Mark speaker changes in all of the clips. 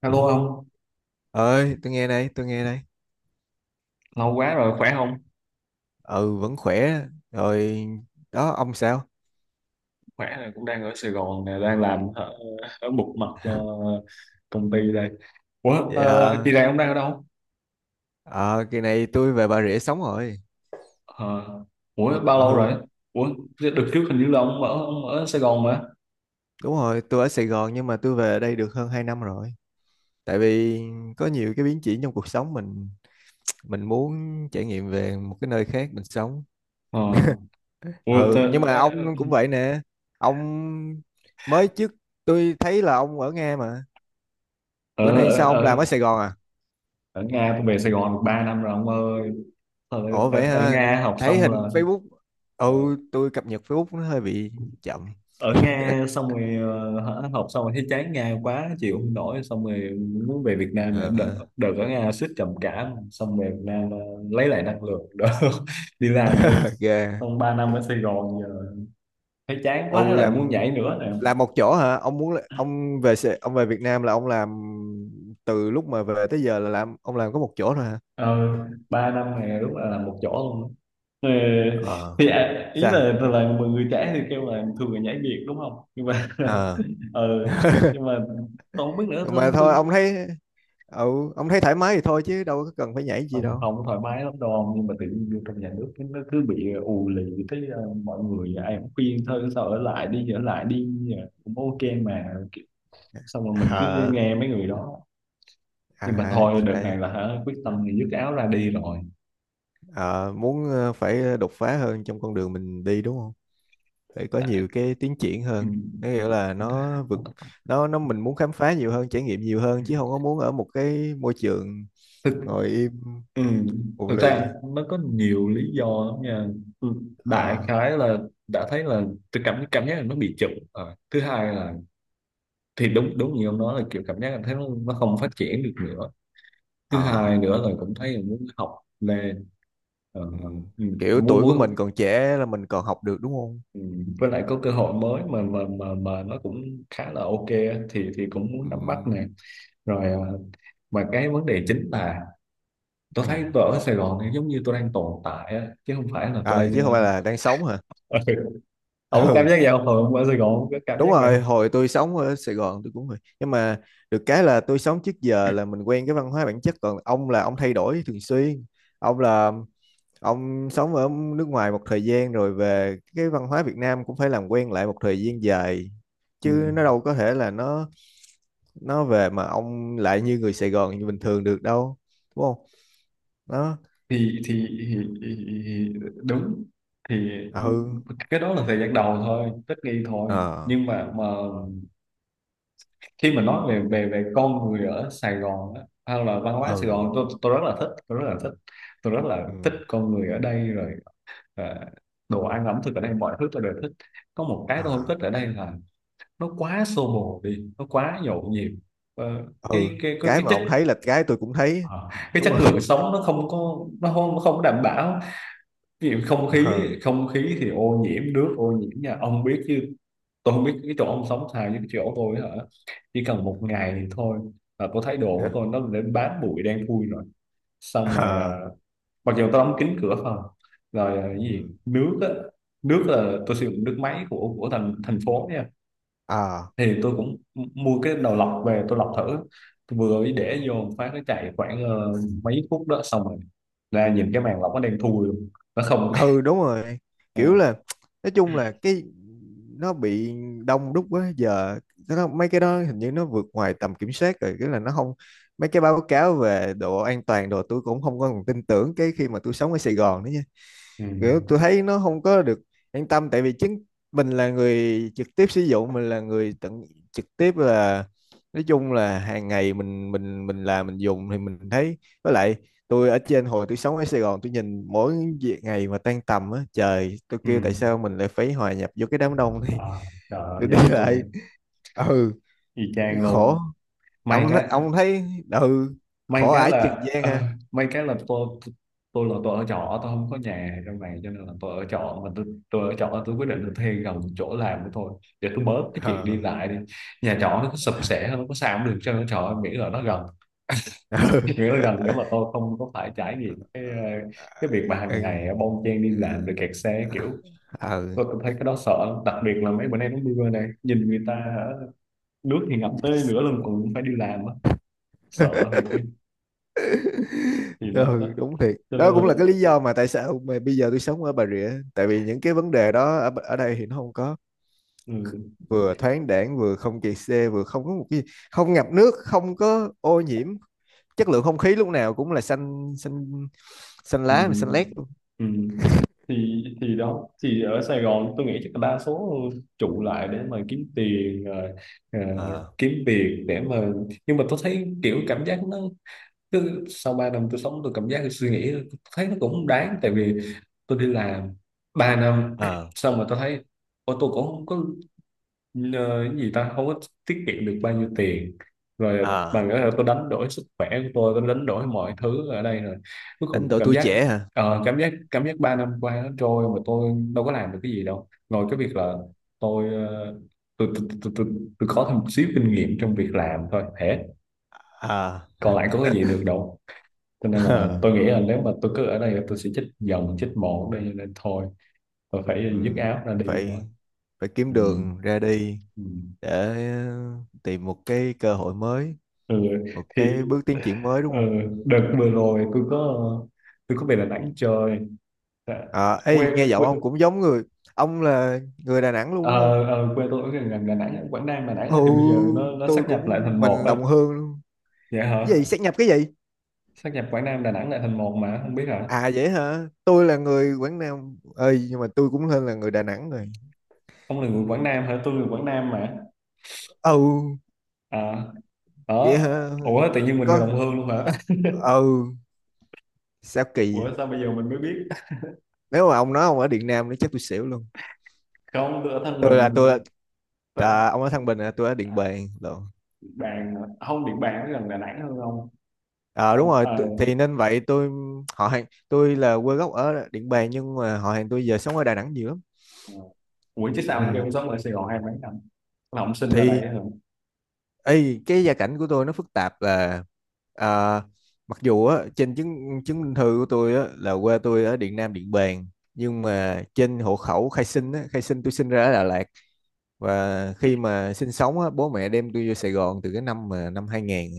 Speaker 1: Hello ông,
Speaker 2: Ơi, tôi nghe đây, tôi nghe đây.
Speaker 1: lâu quá rồi, khỏe không?
Speaker 2: Ừ, vẫn khỏe rồi. Đó ông sao?
Speaker 1: Khỏe rồi, cũng đang ở Sài Gòn nè, đang làm ở, một mặt cho công ty đây. Ủa,
Speaker 2: Vậy
Speaker 1: kỳ
Speaker 2: hả.
Speaker 1: này ông đang ở đâu?
Speaker 2: Ờ Kỳ này tôi về Bà Rịa sống rồi.
Speaker 1: Ờ, ủa, bao lâu
Speaker 2: Ừ,
Speaker 1: rồi? Ủa, đợt trước hình như là ông ở Sài Gòn mà.
Speaker 2: đúng rồi, tôi ở Sài Gòn nhưng mà tôi về đây được hơn 2 năm rồi. Tại vì có nhiều cái biến chuyển trong cuộc sống mình muốn trải nghiệm về một cái nơi khác mình sống.
Speaker 1: Ờ, ủa,
Speaker 2: Ừ, nhưng mà ông cũng vậy nè. Ông mới trước tôi thấy là ông ở Nga mà, bữa
Speaker 1: ở,
Speaker 2: nay
Speaker 1: ở,
Speaker 2: sao ông làm ở
Speaker 1: ở,
Speaker 2: Sài Gòn à?
Speaker 1: ở Nga tôi về Sài Gòn được 3 năm rồi ông ơi. Ờ,
Speaker 2: Ủa vậy
Speaker 1: Ở
Speaker 2: ha,
Speaker 1: Nga học
Speaker 2: thấy
Speaker 1: xong
Speaker 2: hình
Speaker 1: là
Speaker 2: Facebook,
Speaker 1: ờ,
Speaker 2: ừ, tôi cập nhật Facebook nó hơi bị chậm.
Speaker 1: ở Nga xong rồi hả, học xong rồi thấy chán Nga quá chịu không nổi xong rồi muốn về Việt Nam này đợt,
Speaker 2: Ờ,
Speaker 1: đợt ở Nga suýt trầm cảm xong về Việt Nam lấy lại năng lượng đó đi làm ở-
Speaker 2: ok.
Speaker 1: xong 3 năm ở Sài Gòn giờ thấy chán quá
Speaker 2: Ông
Speaker 1: lại muốn
Speaker 2: làm
Speaker 1: nhảy nữa nè.
Speaker 2: làm một chỗ hả? Ông muốn là- ông về Sài- ông về Việt Nam là ông làm, từ lúc mà về tới giờ là làm, ông làm có một chỗ thôi hả?
Speaker 1: ờ, 3 năm này lúc là làm một chỗ luôn. Ờ,
Speaker 2: Ờ,
Speaker 1: thì à, ý
Speaker 2: sao?
Speaker 1: là mọi người trẻ thì kêu là thường là nhảy việc đúng không nhưng mà
Speaker 2: Ờ.
Speaker 1: ờ nhưng mà tôi không biết nữa,
Speaker 2: Mà
Speaker 1: thôi tôi
Speaker 2: thôi, ông thấy, ừ, ông thấy thoải mái thì thôi chứ đâu có cần phải nhảy gì
Speaker 1: không,
Speaker 2: đâu.
Speaker 1: không thoải mái lắm đâu, nhưng mà tự nhiên vô trong nhà nước cái nó cứ bị ù lì, thấy mọi người ai cũng khuyên thôi sao ở lại đi ở lại đi, cũng ok mà. Xong rồi mình cứ
Speaker 2: Ờ,
Speaker 1: nghe mấy người đó,
Speaker 2: à,
Speaker 1: nhưng mà
Speaker 2: ra-
Speaker 1: thôi đợt này là hả, quyết tâm thì dứt áo ra đi rồi.
Speaker 2: ờ, muốn, ờ, phải đột phá hơn trong con đường mình đi đúng không? Phải có
Speaker 1: Tại-
Speaker 2: nhiều cái tiến triển
Speaker 1: ừ.
Speaker 2: hơn, nó nghĩa là nó vực, nó mình muốn khám phá nhiều hơn, trải nghiệm nhiều hơn, chứ không có muốn ở một cái môi trường
Speaker 1: thực
Speaker 2: ngồi im,
Speaker 1: ừ.
Speaker 2: ù
Speaker 1: Thực
Speaker 2: lì.
Speaker 1: ra nó có nhiều lý do lắm nha. Ừ, đại
Speaker 2: Ờ,
Speaker 1: khái là đã thấy là tôi cảm cảm giác là nó bị chậm. Ờ, thứ hai là thì đúng đúng như ông nói là kiểu cảm giác là thấy nó không phát triển được nữa. Thứ
Speaker 2: ờ,
Speaker 1: hai nữa là cũng thấy là muốn học lên. Ờ,
Speaker 2: ừ.
Speaker 1: ừ,
Speaker 2: Kiểu
Speaker 1: muốn
Speaker 2: tuổi của mình
Speaker 1: muốn,
Speaker 2: còn trẻ là mình còn học được đúng không.
Speaker 1: ừ, với lại có cơ hội mới mà nó cũng khá là ok á, thì cũng muốn
Speaker 2: Ừ.
Speaker 1: nắm bắt nè. Rồi mà cái vấn đề chính là tôi
Speaker 2: Ừ.
Speaker 1: thấy tôi ở Sài Gòn thì giống như tôi đang tồn tại á, chứ không phải là tôi
Speaker 2: Ờ, chứ không
Speaker 1: đang
Speaker 2: phải là đang sống hả.
Speaker 1: ờ, ông có cảm
Speaker 2: Ừ,
Speaker 1: giác vậy không? Hồi ông ở Sài Gòn ông có cảm
Speaker 2: đúng
Speaker 1: giác vậy
Speaker 2: rồi,
Speaker 1: không?
Speaker 2: hồi tôi sống ở Sài Gòn tôi cũng vậy, nhưng mà được cái là tôi sống trước giờ là mình quen cái văn hóa bản chất, còn ông là ông thay đổi thường xuyên. Ông là, ông sống ở nước ngoài một thời gian rồi về, cái văn hóa Việt Nam cũng phải làm quen lại một thời gian dài,
Speaker 1: Ừ.
Speaker 2: chứ nó đâu có thể là nó về mà ông lại như người Sài Gòn như bình thường được đâu, đúng không. Nó,
Speaker 1: thì, thì, thì, thì đúng, thì
Speaker 2: ừ,
Speaker 1: cái đó là thời gian đầu thôi, tất nghi thôi.
Speaker 2: ờ,
Speaker 1: Nhưng mà khi mà nói về về về con người ở Sài Gòn á, hay là văn hóa Sài
Speaker 2: ừ,
Speaker 1: Gòn, tôi rất là thích, tôi rất là
Speaker 2: ừ,
Speaker 1: thích con người ở đây rồi. Ờ, đồ ăn ẩm thực ở đây mọi thứ tôi đều thích. Có một cái tôi không
Speaker 2: ờ,
Speaker 1: thích ở đây là nó quá xô bồ đi, nó quá nhộn nhịp. Ờ,
Speaker 2: ừ.
Speaker 1: cái cái cái
Speaker 2: Cái
Speaker 1: cái
Speaker 2: mà
Speaker 1: chất,
Speaker 2: ông thấy là cái tôi cũng thấy.
Speaker 1: ờ, cái
Speaker 2: Đúng
Speaker 1: chất
Speaker 2: rồi.
Speaker 1: lượng sống nó không có, nó không đảm bảo. Ví dụ không khí,
Speaker 2: Ờ,
Speaker 1: thì ô nhiễm, nước ô nhiễm nha, ông biết chứ. Tôi không biết cái chỗ ông sống sao, với cái chỗ tôi hả, chỉ cần một ngày thì thôi là tôi thấy đồ
Speaker 2: ờ,
Speaker 1: của tôi nó đến bám bụi đen thui rồi. Xong rồi
Speaker 2: ờ,
Speaker 1: à, mặc dù tôi đóng kín cửa phòng rồi. À, cái gì
Speaker 2: ừ,
Speaker 1: nước á, nước là tôi sử dụng nước máy của thành thành phố nha. Thì tôi cũng mua cái đầu lọc về tôi lọc thử, tôi vừa mới
Speaker 2: ờ,
Speaker 1: để vô một phát nó chạy khoảng mấy phút đó, xong rồi ra nhìn cái màn lọc nó đen thui luôn, nó không.
Speaker 2: ừ, đúng rồi. Kiểu
Speaker 1: Ừ.
Speaker 2: là, nói chung là cái nó bị đông đúc quá, giờ nó mấy cái đó hình như nó vượt ngoài tầm kiểm soát rồi, cái là nó không, mấy cái báo cáo về độ an toàn đồ tôi cũng không có còn tin tưởng cái khi mà tôi sống ở Sài Gòn nữa.
Speaker 1: Ừ.
Speaker 2: Kiểu tôi thấy nó không có được an tâm, tại vì chính mình là người trực tiếp sử dụng, mình là người tận trực tiếp là, nói chung là hàng ngày mình làm mình dùng thì mình thấy. Với lại, tôi ở trên hồi tôi sống ở Sài Gòn, tôi nhìn mỗi việc ngày mà tan tầm á, trời tôi
Speaker 1: Ừ.
Speaker 2: kêu tại sao mình lại phải hòa nhập vô cái đám đông này.
Speaker 1: À, trời ơi,
Speaker 2: Tôi đi
Speaker 1: giống tôi
Speaker 2: lại,
Speaker 1: á.
Speaker 2: ừ,
Speaker 1: Y chang
Speaker 2: khổ.
Speaker 1: luôn. may
Speaker 2: ông
Speaker 1: cái
Speaker 2: ông thấy, ừ,
Speaker 1: May
Speaker 2: khổ
Speaker 1: cái
Speaker 2: ải chừng
Speaker 1: là
Speaker 2: gian ha.
Speaker 1: may cái là tôi tôi là tôi ở trọ, tôi không có nhà trong này, cho nên là tôi ở trọ mà tôi ở trọ tôi quyết định là thuê gần chỗ làm của tôi để tôi bớt cái chuyện đi
Speaker 2: Ờ.
Speaker 1: lại đi. Nhà trọ nó sập sệ nó có sao cũng được, cho nó trọ miễn là nó gần, miễn là
Speaker 2: Ừ.
Speaker 1: gần để mà tôi không có phải trải nghiệm cái
Speaker 2: Ờ, ờ,
Speaker 1: cái việc mà hàng ngày bon chen đi làm
Speaker 2: ờ,
Speaker 1: rồi kẹt xe kiểu.
Speaker 2: ừ.
Speaker 1: Tôi thấy cái đó sợ lắm. Đặc biệt là mấy bữa nay nó mưa này, nhìn người ta nước thì ngập tới nửa lưng còn phải đi làm á, sợ thiệt chứ. Thì đó, đó,
Speaker 2: Ừ, đúng thiệt
Speaker 1: cho
Speaker 2: đó
Speaker 1: nên là
Speaker 2: cũng là cái lý do mà tại sao mà bây giờ tôi sống ở Bà Rịa, tại vì những cái vấn đề đó ở, ở đây thì nó không có.
Speaker 1: ừ,
Speaker 2: Vừa thoáng đãng, vừa không kẹt xe, vừa không có một cái, không ngập nước, không có ô nhiễm, chất lượng không khí lúc nào cũng là xanh xanh, xanh
Speaker 1: ừ,
Speaker 2: lá mà xanh lét luôn.
Speaker 1: ừ. Thì đó, thì ở Sài Gòn tôi nghĩ chắc là đa số trụ lại để mà kiếm tiền, ờ,
Speaker 2: Ờ,
Speaker 1: kiếm việc để mà, nhưng mà tôi thấy kiểu cảm giác nó cứ sau 3 năm tôi sống, tôi cảm giác, tôi suy nghĩ tôi thấy nó cũng không đáng, tại vì tôi đi làm 3 năm
Speaker 2: ờ,
Speaker 1: xong rồi tôi thấy ô tôi cũng không có, nhờ cái gì ta, không có tiết kiệm được bao nhiêu tiền rồi,
Speaker 2: ờ,
Speaker 1: bằng cái là tôi đánh đổi sức khỏe của tôi đánh đổi mọi thứ ở đây rồi, cuối cùng
Speaker 2: đánh
Speaker 1: tôi
Speaker 2: đổi
Speaker 1: cảm
Speaker 2: tuổi
Speaker 1: giác
Speaker 2: trẻ hả.
Speaker 1: cảm giác 3 năm qua nó trôi mà tôi đâu có làm được cái gì đâu, ngoài cái việc là tôi tôi tôi, tôi, tôi, tôi có thêm một xíu kinh nghiệm trong việc làm thôi thế,
Speaker 2: Ờ,
Speaker 1: còn lại có cái gì được đâu. Cho nên là
Speaker 2: ờ.
Speaker 1: tôi nghĩ là nếu mà tôi cứ ở đây là tôi sẽ chết dần chết mòn ở đây, cho nên thôi tôi
Speaker 2: Ừ.
Speaker 1: phải dứt áo ra đi thôi.
Speaker 2: Phải, phải kiếm
Speaker 1: Ừ.
Speaker 2: đường ra đi
Speaker 1: Ừ.
Speaker 2: để tìm một cái cơ hội mới,
Speaker 1: Ừ,
Speaker 2: một
Speaker 1: thì
Speaker 2: cái bước tiến triển mới, đúng
Speaker 1: ừ,
Speaker 2: không.
Speaker 1: đợt vừa rồi tôi có, tôi có về Đà Nẵng chơi. Dạ.
Speaker 2: À, ê,
Speaker 1: quê
Speaker 2: nghe giọng
Speaker 1: Quê,
Speaker 2: ông cũng giống người, ông là người Đà Nẵng luôn đúng không.
Speaker 1: ờ, quê tôi ở gần gần Đà Nẵng, Quảng Nam Đà Nẵng
Speaker 2: Ừ,
Speaker 1: á, thì bây giờ nó
Speaker 2: tôi
Speaker 1: sáp nhập lại
Speaker 2: cũng
Speaker 1: thành một
Speaker 2: mình
Speaker 1: á.
Speaker 2: đồng hương luôn.
Speaker 1: Dạ hả,
Speaker 2: Cái gì sát nhập cái gì?
Speaker 1: sáp nhập Quảng Nam Đà Nẵng lại thành một mà không biết hả.
Speaker 2: À vậy hả, tôi là người Quảng Nam ơi, nhưng mà tôi cũng hơn là người Đà Nẵng rồi.
Speaker 1: Ông là người Quảng Nam hả, tôi người Quảng Nam mà.
Speaker 2: Ừ,
Speaker 1: À,
Speaker 2: vậy
Speaker 1: đó.
Speaker 2: hả.
Speaker 1: Ủa tự nhiên mình người
Speaker 2: Có,
Speaker 1: đồng hương luôn hả?
Speaker 2: ừ, sao kỳ vậy?
Speaker 1: Ủa sao bây giờ mình mới biết?
Speaker 2: Nếu mà ông nói ông ở Điện Nam nữa chắc tôi xỉu luôn.
Speaker 1: Không tôi ở Thân
Speaker 2: Tôi là
Speaker 1: Bình.
Speaker 2: tôi,
Speaker 1: Tớ-
Speaker 2: à, ông ở Thăng Bình là tôi ở Điện
Speaker 1: À,
Speaker 2: Bàn lộn.
Speaker 1: Điện Bàn hả? Không Điện Bàn nó gần Đà Nẵng hơn không?
Speaker 2: Ờ, đúng
Speaker 1: Ông
Speaker 2: rồi, tu- thì nên vậy tôi, họ hàng tôi là quê gốc ở Điện Bàn, nhưng mà họ hàng tôi giờ sống ở Đà Nẵng nhiều lắm.
Speaker 1: Ờ. Ủa chứ sao ông kêu
Speaker 2: Ừ.
Speaker 1: ông sống ở Sài Gòn hai mấy năm, là ông sinh ra đây
Speaker 2: Thì
Speaker 1: á hả?
Speaker 2: ấy, cái gia cảnh của tôi nó phức tạp là, à, mặc dù á, trên chứng chứng minh thư của tôi á, là quê tôi ở Điện Nam Điện Bàn, nhưng mà trên hộ khẩu khai sinh á, khai sinh tôi sinh ra ở Đà Lạt, và khi mà sinh sống á, bố mẹ đem tôi vô Sài Gòn từ cái năm mà năm 2000.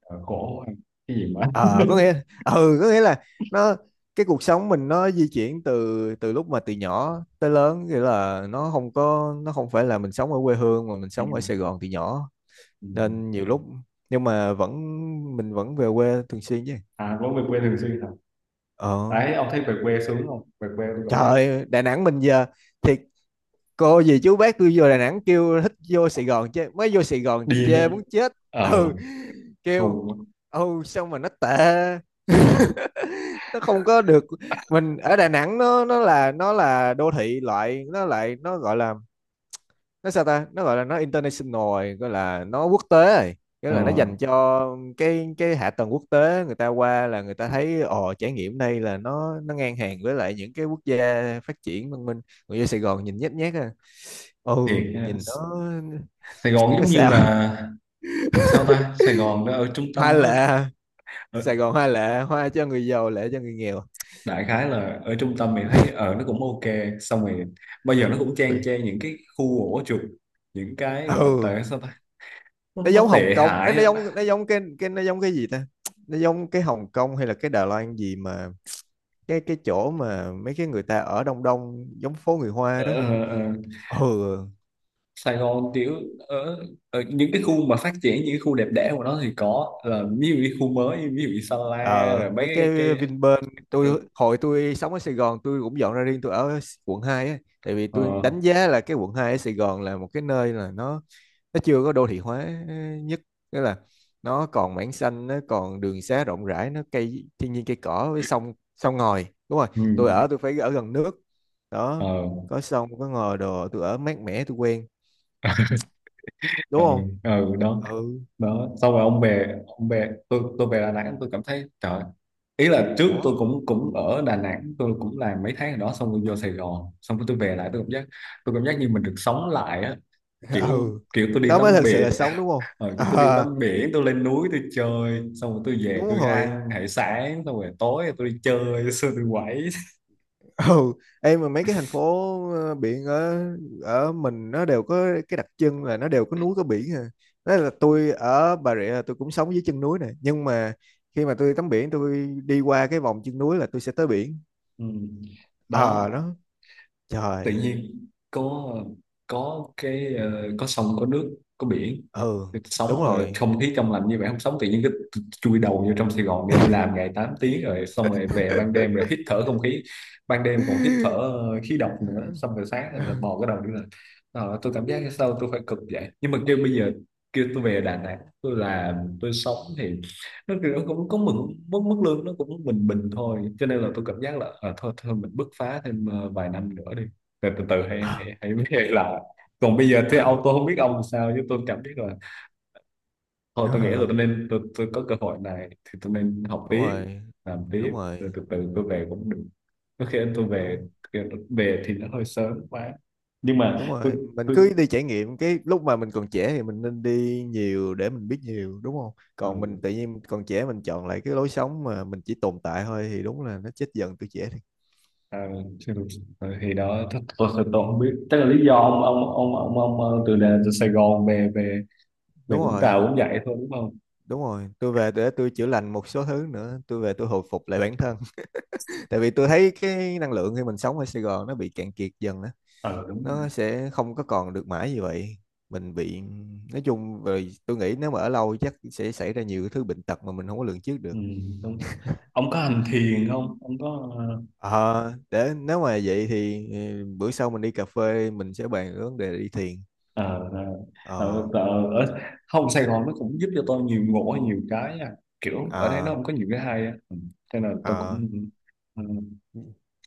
Speaker 1: Ờ, khổ, cái gì mà
Speaker 2: Ờ, có nghĩa, ừ, có nghĩa là nó, cái cuộc sống mình nó di chuyển từ, từ lúc mà từ nhỏ tới lớn, nghĩa là nó không có, nó không phải là mình sống ở quê hương mà mình
Speaker 1: ừ.
Speaker 2: sống ở Sài Gòn từ nhỏ
Speaker 1: Ừ.
Speaker 2: nên, ừ, nhiều lúc, nhưng mà vẫn, mình vẫn về quê thường xuyên chứ.
Speaker 1: À có về quê thường xuyên hả.
Speaker 2: Ờ,
Speaker 1: Đấy ông thấy về quê sướng không, về quê tôi cảm giác
Speaker 2: trời, Đà Nẵng mình giờ, thiệt, cô gì chú bác tôi vô Đà Nẵng kêu thích, vô Sài Gòn chơi, mới vô Sài Gòn
Speaker 1: điên á.
Speaker 2: chơi muốn chết.
Speaker 1: Ờ,
Speaker 2: Ừ, kêu,
Speaker 1: không,
Speaker 2: ừ sao mà nó tệ. Nó không có được. Mình ở Đà Nẵng nó, nó là đô thị loại, nó lại nó gọi là, nó sao ta, nó gọi là nó international rồi, gọi là nó quốc tế rồi, nghĩa
Speaker 1: ờ,
Speaker 2: là nó dành cho cái hạ tầng quốc tế, người ta qua là người ta thấy ồ trải nghiệm đây, là nó ngang hàng với lại những cái quốc gia phát triển văn minh. Người vô Sài Gòn nhìn nhếch nhác à. Ừ.
Speaker 1: thiệt nha.
Speaker 2: Nhìn nó
Speaker 1: Sài Gòn
Speaker 2: nó
Speaker 1: giống như
Speaker 2: sao.
Speaker 1: là sao ta, Sài Gòn nó ở trung tâm
Speaker 2: Hoa
Speaker 1: á,
Speaker 2: lệ.
Speaker 1: ở,
Speaker 2: Sài Gòn hoa lệ, hoa cho người giàu, lệ cho người nghèo.
Speaker 1: đại khái là ở trung tâm mình thấy ở nó cũng ok, xong rồi bây giờ nó cũng
Speaker 2: Ừ.
Speaker 1: chang chang những cái khu ổ chuột, những cái gọi
Speaker 2: Ừ.
Speaker 1: tệ sao ta,
Speaker 2: Nó
Speaker 1: nó
Speaker 2: giống Hồng
Speaker 1: tệ
Speaker 2: Kông, nó,
Speaker 1: hại
Speaker 2: nó
Speaker 1: á.
Speaker 2: giống nó giống cái, nó giống cái gì ta, nó giống cái Hồng Kông hay là cái Đài Loan gì mà, cái chỗ mà mấy cái người ta ở Đông Đông giống phố người
Speaker 1: Ờ,
Speaker 2: Hoa đó.
Speaker 1: ờ, ờ.
Speaker 2: Ừ.
Speaker 1: Sài Gòn kiểu ở, ở những cái khu mà phát triển, những cái khu đẹp đẽ của nó thì có, là ví dụ như khu mới, ví dụ như Sa la
Speaker 2: Ờ,
Speaker 1: rồi mấy
Speaker 2: mấy cái
Speaker 1: cái
Speaker 2: Vinpearl,
Speaker 1: ờ,
Speaker 2: tôi hồi tôi sống ở Sài Gòn tôi cũng dọn ra riêng, tôi ở quận 2 á. Tại vì
Speaker 1: ờ,
Speaker 2: tôi đánh giá là cái quận 2 ở Sài Gòn là một cái nơi là nó chưa có đô thị hóa nhất, nghĩa là nó còn mảng xanh, nó còn đường xá rộng rãi, nó cây thiên nhiên cây cỏ với sông sông ngòi, đúng rồi.
Speaker 1: ừ,
Speaker 2: Tôi ở tôi phải ở gần nước
Speaker 1: ờ,
Speaker 2: đó, có sông có ngòi đồ tôi ở mát mẻ tôi quen, đúng
Speaker 1: ờ,
Speaker 2: không.
Speaker 1: ờ, đó.
Speaker 2: Ừ,
Speaker 1: Đó xong rồi ông về, ông về tôi về Đà Nẵng tôi cảm thấy trời, ý là trước
Speaker 2: đó.
Speaker 1: tôi cũng cũng ở Đà Nẵng tôi cũng làm mấy tháng ở đó, xong rồi vô Sài Gòn, xong rồi tôi về lại tôi cảm giác, tôi cảm giác như mình được sống lại á, kiểu
Speaker 2: Ừ,
Speaker 1: kiểu tôi đi
Speaker 2: đó mới
Speaker 1: tắm
Speaker 2: thật sự
Speaker 1: bể
Speaker 2: là sống đúng không.
Speaker 1: kiểu tôi đi
Speaker 2: À,
Speaker 1: tắm biển, tôi lên núi tôi chơi, xong rồi tôi về
Speaker 2: đúng
Speaker 1: tôi
Speaker 2: rồi.
Speaker 1: ăn hải sản, xong rồi tối tôi đi chơi xong rồi tôi quẩy.
Speaker 2: Ừ. Em mà mấy cái thành phố, ờ, biển ở, ở mình nó đều có cái đặc trưng là nó đều có núi có biển à. Đó là tôi ở Bà Rịa là tôi cũng sống dưới chân núi này, nhưng mà khi mà tôi tắm biển tôi đi qua cái vòng chân núi là tôi sẽ tới biển.
Speaker 1: Ừ.
Speaker 2: Ờ
Speaker 1: Đó
Speaker 2: đó,
Speaker 1: tự
Speaker 2: trời.
Speaker 1: nhiên có cái có sông có nước, có biển
Speaker 2: Ừ,
Speaker 1: sống,
Speaker 2: đúng rồi.
Speaker 1: không khí trong lành như vậy không sống, tự nhiên cứ chui đầu vô trong Sài Gòn đi đi làm ngày 8 tiếng rồi, xong rồi về ban đêm rồi hít thở không khí, ban đêm còn hít thở khí độc nữa,
Speaker 2: Ờ,
Speaker 1: xong rồi sáng rồi là mò cái đầu đi làm. Ờ, tôi cảm giác sao tôi phải cực vậy, nhưng mà kêu bây giờ kêu tôi về Đà Nẵng tôi làm, tôi sống thì nó kiểu nó cũng có mừng mức mức lương nó cũng bình bình thôi, cho nên là tôi cảm giác là à, thôi thôi mình bứt phá thêm vài năm nữa đi, từ từ, từ
Speaker 2: ờ,
Speaker 1: hãy hãy hãy biết là, còn bây giờ thế ông tôi không biết ông sao chứ, tôi cảm biết là thôi tôi nghĩ là tôi
Speaker 2: ờ,
Speaker 1: nên tôi có cơ hội này thì tôi nên học
Speaker 2: đúng
Speaker 1: tiếp,
Speaker 2: rồi,
Speaker 1: làm
Speaker 2: đúng
Speaker 1: tiếp rồi
Speaker 2: rồi,
Speaker 1: từ từ tôi về cũng được, có khi tôi về,
Speaker 2: đúng,
Speaker 1: về thì nó hơi sớm quá nhưng
Speaker 2: đúng
Speaker 1: mà tôi
Speaker 2: rồi, mình
Speaker 1: tôi
Speaker 2: cứ đi trải nghiệm cái lúc mà mình còn trẻ thì mình nên đi nhiều để mình biết nhiều, đúng không.
Speaker 1: ừ,
Speaker 2: Còn mình tự nhiên còn trẻ mình chọn lại cái lối sống mà mình chỉ tồn tại thôi thì đúng là nó chết dần tuổi trẻ thì,
Speaker 1: à, chưa được. Ừ, thì đó tôi không biết chắc là lý do ông ông, ờ, từ Sài Gòn về về về
Speaker 2: đúng
Speaker 1: Vũng
Speaker 2: rồi.
Speaker 1: Tàu cũng vậy thôi đúng không.
Speaker 2: Đúng rồi, tôi về để tôi chữa lành một số thứ nữa, tôi về tôi hồi phục lại bản thân. Tại vì tôi thấy cái năng lượng khi mình sống ở Sài Gòn nó bị cạn kiệt dần á,
Speaker 1: Ờ đúng rồi.
Speaker 2: nó sẽ không có còn được mãi như vậy, mình bị, nói chung rồi tôi nghĩ nếu mà ở lâu chắc sẽ xảy ra nhiều cái thứ bệnh tật mà mình không có lường trước
Speaker 1: Ừ,
Speaker 2: được.
Speaker 1: đúng. Ông có hành thiền không, ông có
Speaker 2: Ờ, để nếu mà vậy thì, ừ, bữa sau mình đi cà phê mình sẽ bàn cái vấn đề đi thiền.
Speaker 1: ờ, ờ,
Speaker 2: Ờ,
Speaker 1: ờ, ở, không Sài Gòn nó cũng giúp cho tôi nhiều ngộ hay nhiều cái nha. Kiểu ở đây
Speaker 2: ờ,
Speaker 1: nó không có nhiều cái hay á. Ừ, thế là tôi cũng
Speaker 2: ờ,
Speaker 1: ừ,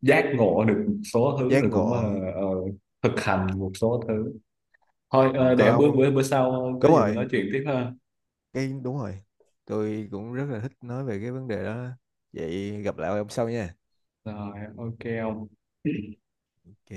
Speaker 1: giác ngộ được một số thứ
Speaker 2: giác
Speaker 1: rồi cũng
Speaker 2: ngộ.
Speaker 1: ờ, thực hành một số thứ. Thôi
Speaker 2: Ừ, có
Speaker 1: để
Speaker 2: ông
Speaker 1: bữa
Speaker 2: không?
Speaker 1: bữa bữa sau có
Speaker 2: Đúng
Speaker 1: gì mình
Speaker 2: rồi,
Speaker 1: nói chuyện tiếp ha.
Speaker 2: cái đúng rồi. Tôi cũng rất là thích nói về cái vấn đề đó. Vậy gặp lại ông sau nha.
Speaker 1: Rồi ok. Không.